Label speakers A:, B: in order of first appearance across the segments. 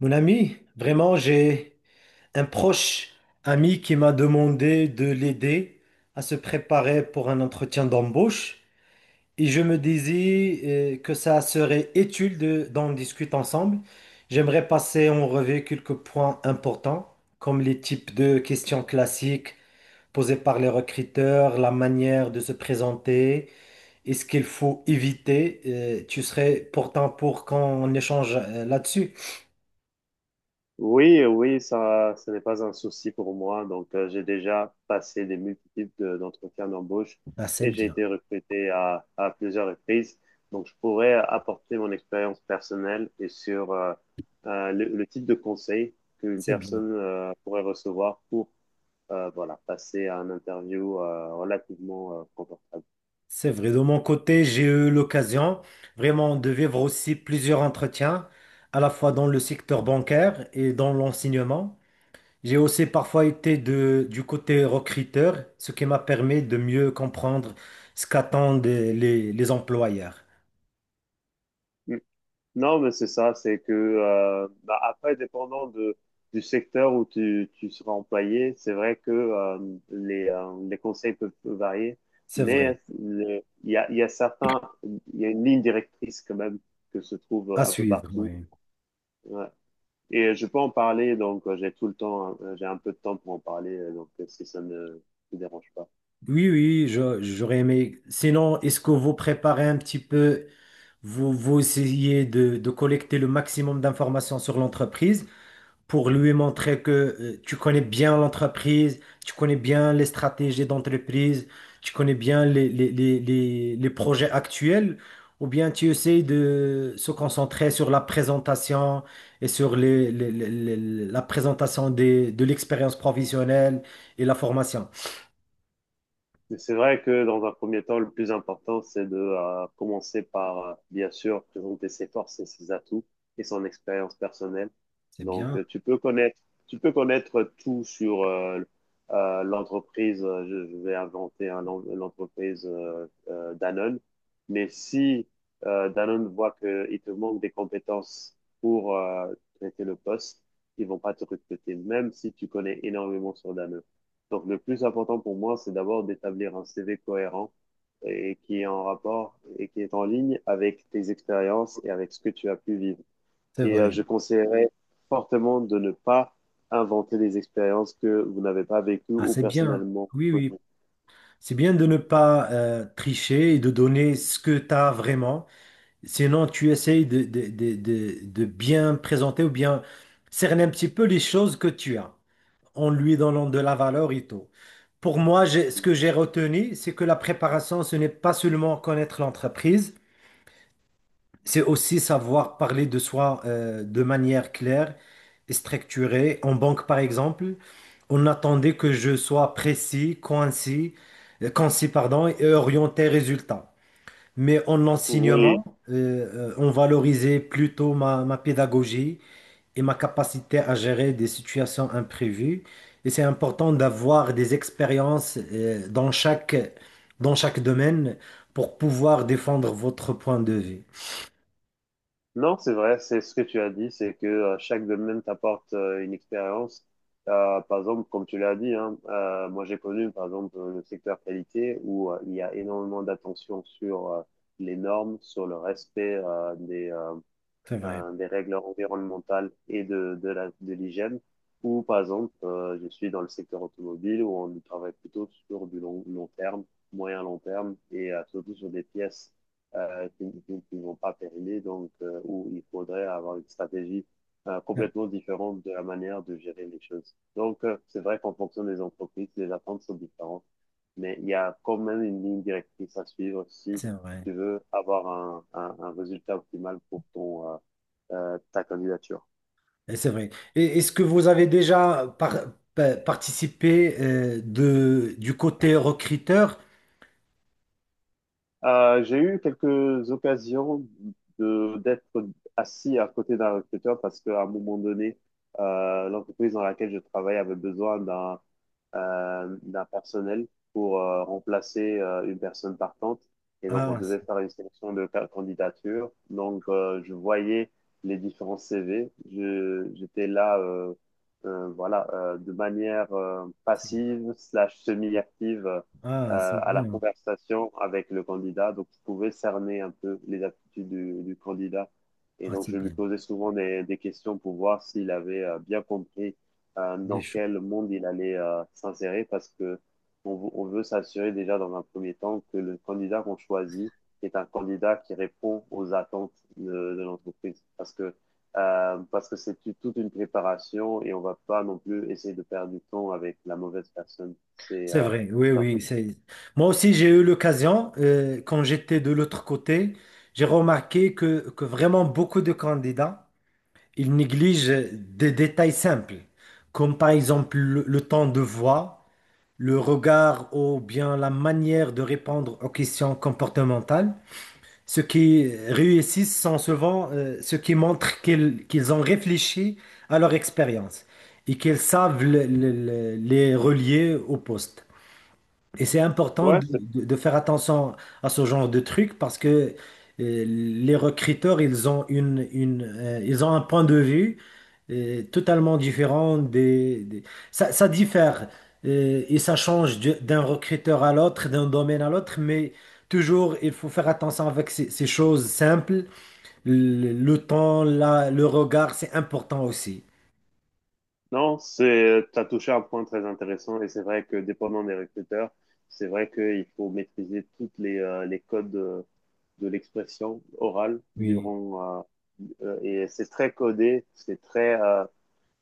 A: Mon ami, vraiment, j'ai un proche ami qui m'a demandé de l'aider à se préparer pour un entretien d'embauche et je me disais que ça serait utile d'en discuter ensemble. J'aimerais passer en revue quelques points importants comme les types de questions classiques posées par les recruteurs, la manière de se présenter et ce qu'il faut éviter. Tu serais pourtant pour qu'on échange là-dessus?
B: Oui, oui, ça, ce n'est pas un souci pour moi. Donc, j'ai déjà passé des multiples d'entretiens d'embauche
A: Ah, c'est
B: et j'ai
A: bien,
B: été recruté à plusieurs reprises. Donc, je pourrais apporter mon expérience personnelle et sur le type de conseil qu'une
A: c'est bien.
B: personne pourrait recevoir pour voilà, passer à un interview relativement confortable.
A: C'est vrai, de mon côté, j'ai eu l'occasion vraiment de vivre aussi plusieurs entretiens, à la fois dans le secteur bancaire et dans l'enseignement. J'ai aussi parfois été du côté recruteur, ce qui m'a permis de mieux comprendre ce qu'attendent les employeurs.
B: Hmm. Non, mais c'est ça, c'est que bah, après, dépendant de, du secteur où tu seras employé, c'est vrai que les conseils peuvent varier,
A: C'est vrai,
B: mais il y a une ligne directrice quand même que se trouve
A: à
B: un peu
A: suivre,
B: partout.
A: oui.
B: Ouais. Et je peux en parler, donc j'ai un peu de temps pour en parler, si ça ne te dérange pas.
A: Oui, oui, j'aurais aimé. Sinon, est-ce que vous préparez un petit peu, vous, vous essayez de collecter le maximum d'informations sur l'entreprise, pour lui montrer que tu connais bien l'entreprise, tu connais bien les stratégies d'entreprise, tu connais bien les projets actuels, ou bien tu essayes de se concentrer sur la présentation et sur la présentation de l'expérience professionnelle et la formation.
B: Mais c'est vrai que dans un premier temps, le plus important, c'est de commencer par, bien sûr, présenter ses forces et ses atouts et son expérience personnelle.
A: C'est
B: Donc,
A: bien,
B: tu peux connaître tout sur l'entreprise. Je vais inventer hein, l'entreprise Danone. Mais si Danone voit qu'il te manque des compétences pour traiter le poste, ils vont pas te recruter, même si tu connais énormément sur Danone. Donc, le plus important pour moi, c'est d'abord d'établir un CV cohérent et qui est en rapport et qui est en ligne avec tes expériences et avec ce que tu as pu vivre.
A: c'est
B: Et
A: vrai.
B: je conseillerais fortement de ne pas inventer des expériences que vous n'avez pas vécues
A: Ah,
B: ou
A: c'est bien.
B: personnellement
A: Oui, oui.
B: connues.
A: C'est bien de ne pas tricher et de donner ce que tu as vraiment. Sinon, tu essayes de bien présenter ou bien cerner un petit peu les choses que tu as en lui donnant de la valeur et tout. Pour moi, ce que j'ai retenu, c'est que la préparation, ce n'est pas seulement connaître l'entreprise, c'est aussi savoir parler de soi de manière claire et structurée. En banque, par exemple, on attendait que je sois précis, concis, concis, pardon, et orienté résultat. Mais en
B: Oui,
A: enseignement, on valorisait plutôt ma pédagogie et ma capacité à gérer des situations imprévues. Et c'est important d'avoir des expériences dans chaque domaine pour pouvoir défendre votre point de vue.
B: non, c'est vrai, c'est ce que tu as dit, c'est que chaque domaine t'apporte une expérience. Par exemple, comme tu l'as dit, hein, moi j'ai connu par exemple le secteur qualité où il y a énormément d'attention sur les normes, sur le respect
A: C'est vrai,
B: des règles environnementales et de l'hygiène. Ou par exemple, je suis dans le secteur automobile où on travaille plutôt sur du long, long terme, moyen long terme et surtout sur des pièces qui ne vont pas périmer, donc où il faudrait avoir une stratégie complètement différente de la manière de gérer les choses. Donc, c'est vrai qu'en fonction des entreprises, les attentes sont différentes, mais il y a quand même une ligne directrice à suivre si
A: c'est vrai.
B: tu veux avoir un résultat optimal pour ta candidature.
A: Et c'est vrai. Et est-ce que vous avez déjà participé du côté recruteur?
B: J'ai eu quelques occasions de d'être assis à côté d'un recruteur parce qu'à un moment donné, l'entreprise dans laquelle je travaille avait besoin d'un personnel pour remplacer une personne partante. Et donc, on
A: Ah,
B: devait faire une sélection de candidatures. Donc, je voyais les différents CV. J'étais là, voilà, de manière
A: c'est-
B: passive slash semi-active,
A: ah, c'est
B: à la
A: bien.
B: conversation avec le candidat. Donc, je pouvais cerner un peu les aptitudes du candidat. Et
A: Ah,
B: donc,
A: c'est
B: je lui
A: bien.
B: posais souvent des questions pour voir s'il avait bien compris
A: Les
B: dans
A: choses.
B: quel monde il allait s'insérer parce que on veut s'assurer déjà dans un premier temps que le candidat qu'on choisit est un candidat qui répond aux attentes de l'entreprise parce que c'est toute une préparation et on va pas non plus essayer de perdre du temps avec la mauvaise personne. C'est
A: C'est
B: euh,
A: vrai, oui,
B: ça
A: oui. c'est- Moi aussi, j'ai eu l'occasion, quand j'étais de l'autre côté, j'ai remarqué que vraiment beaucoup de candidats, ils négligent des détails simples, comme par exemple le temps de voix, le regard ou bien la manière de répondre aux questions comportementales. Ceux qui réussissent sont souvent ceux qui montrent qu'ils ont réfléchi à leur expérience et qu'ils savent les relier au poste. Et c'est important
B: Ouais, c'est
A: de faire attention à ce genre de truc parce que les recruteurs, ils ont ils ont un point de vue totalement différent ça, ça diffère et ça change d'un recruteur à l'autre, d'un domaine à l'autre, mais toujours, il faut faire attention avec ces choses simples. Le temps, le regard, c'est important aussi.
B: non, c'est, t'as touché un point très intéressant et c'est vrai que dépendant des recruteurs, c'est vrai qu'il faut maîtriser toutes les codes de l'expression orale
A: Oui,
B: durant, et c'est très codé, c'est très,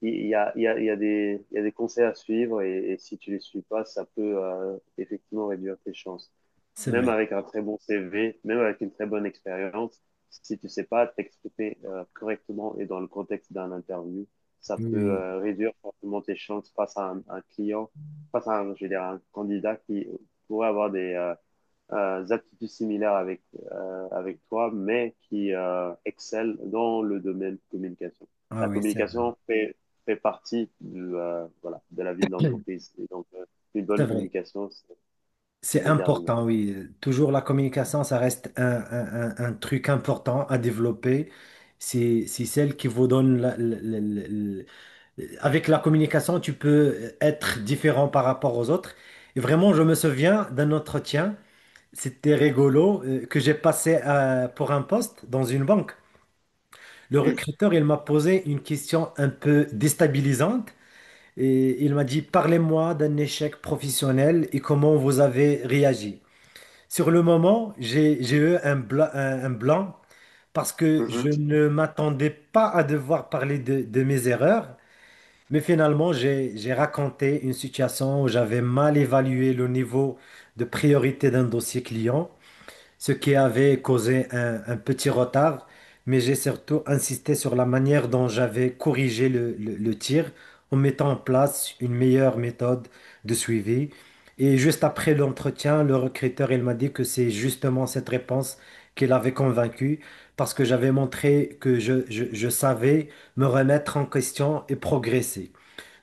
B: il y a, il y a, il y a des, il y a des conseils à suivre et si tu les suis pas, ça peut, effectivement réduire tes chances.
A: c'est
B: Même
A: vrai.
B: avec un très bon CV, même avec une très bonne expérience, si tu ne sais pas t'exprimer correctement et dans le contexte d'un interview, ça
A: Oui,
B: peut
A: oui.
B: réduire fortement tes chances face à un client, face à un, je veux dire, un candidat qui pourrait avoir des aptitudes similaires avec toi, mais qui excelle dans le domaine communication.
A: Ah
B: La
A: oui, c'est vrai.
B: communication fait partie voilà, de la vie de l'entreprise. Et donc, euh, une
A: C'est
B: bonne
A: vrai.
B: communication, c'est c'est
A: C'est
B: déterminant.
A: important, oui. Toujours la communication, ça reste un truc important à développer. C'est celle qui vous donne avec la communication, tu peux être différent par rapport aux autres. Et vraiment, je me souviens d'un entretien, c'était rigolo, que j'ai passé pour un poste dans une banque. Le
B: Mhm.
A: recruteur, il m'a posé une question un peu déstabilisante et il m'a dit, parlez-moi d'un échec professionnel et comment vous avez réagi. Sur le moment, j'ai eu un un blanc parce que
B: Mhm.
A: je ne m'attendais pas à devoir parler de mes erreurs, mais finalement, j'ai raconté une situation où j'avais mal évalué le niveau de priorité d'un dossier client, ce qui avait causé un petit retard, mais j'ai surtout insisté sur la manière dont j'avais corrigé le tir en mettant en place une meilleure méthode de suivi. Et juste après l'entretien, le recruteur, il m'a dit que c'est justement cette réponse qui l'avait convaincu parce que j'avais montré que je savais me remettre en question et progresser.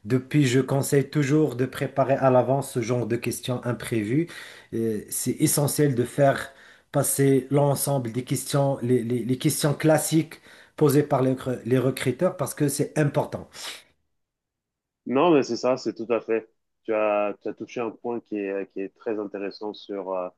A: Depuis, je conseille toujours de préparer à l'avance ce genre de questions imprévues. C'est essentiel de faire passer l'ensemble des questions, les questions classiques posées par les recruteurs parce que c'est important.
B: Non, mais c'est ça, c'est tout à fait. Tu as touché un point qui est très intéressant sur euh,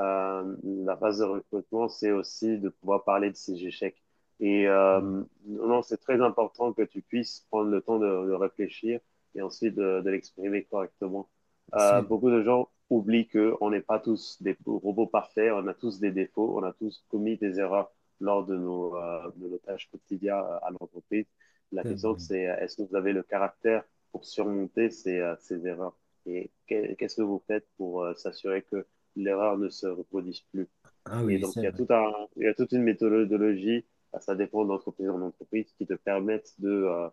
B: euh, la phase de recrutement, c'est aussi de pouvoir parler de ces échecs. Et
A: Mm.
B: non, c'est très important que tu puisses prendre le temps de réfléchir et ensuite de l'exprimer correctement.
A: C'est
B: Beaucoup de gens oublient qu'on n'est pas tous des robots parfaits, on a tous des défauts, on a tous commis des erreurs lors de de nos tâches quotidiennes à l'entreprise. La
A: c'est
B: question,
A: vrai.
B: c'est est-ce que vous avez le caractère pour surmonter ces erreurs? Et qu'est-ce que vous faites pour s'assurer que l'erreur ne se reproduise plus?
A: Ah
B: Et
A: oui,
B: donc,
A: c'est vrai.
B: il y a toute une méthodologie, bah, ça dépend d'entreprise en entreprise, qui te permettent de,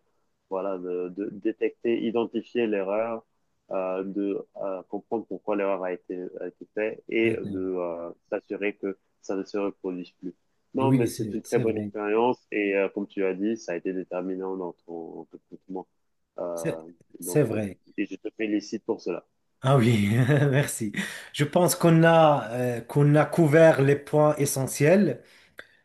B: voilà, de détecter, identifier l'erreur, de comprendre pourquoi l'erreur a été faite et
A: Ouais. c'est-
B: de s'assurer que ça ne se reproduise plus. Non,
A: Oui,
B: mais
A: c'est
B: c'est une très
A: c'est
B: bonne
A: vrai.
B: expérience et comme tu as dit, ça a été déterminant dans ton recrutement.
A: C'est
B: Euh, donc,
A: c'est
B: euh,
A: vrai.
B: et je te félicite pour cela.
A: Ah oui, merci. Je pense qu'on a, qu'on a couvert les points essentiels.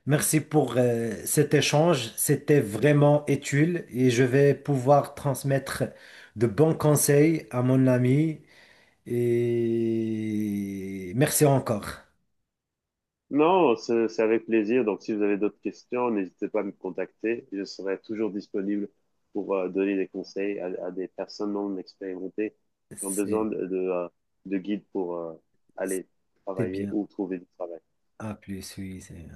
A: Merci pour cet échange. C'était vraiment utile et je vais pouvoir transmettre de bons conseils à mon ami. Et merci encore.
B: Non, c'est avec plaisir. Donc, si vous avez d'autres questions, n'hésitez pas à me contacter. Je serai toujours disponible pour donner des conseils à des personnes non expérimentées qui ont besoin
A: C'est
B: de guides pour aller
A: c'est
B: travailler
A: bien.
B: ou trouver du travail.
A: À plus, oui. c'est-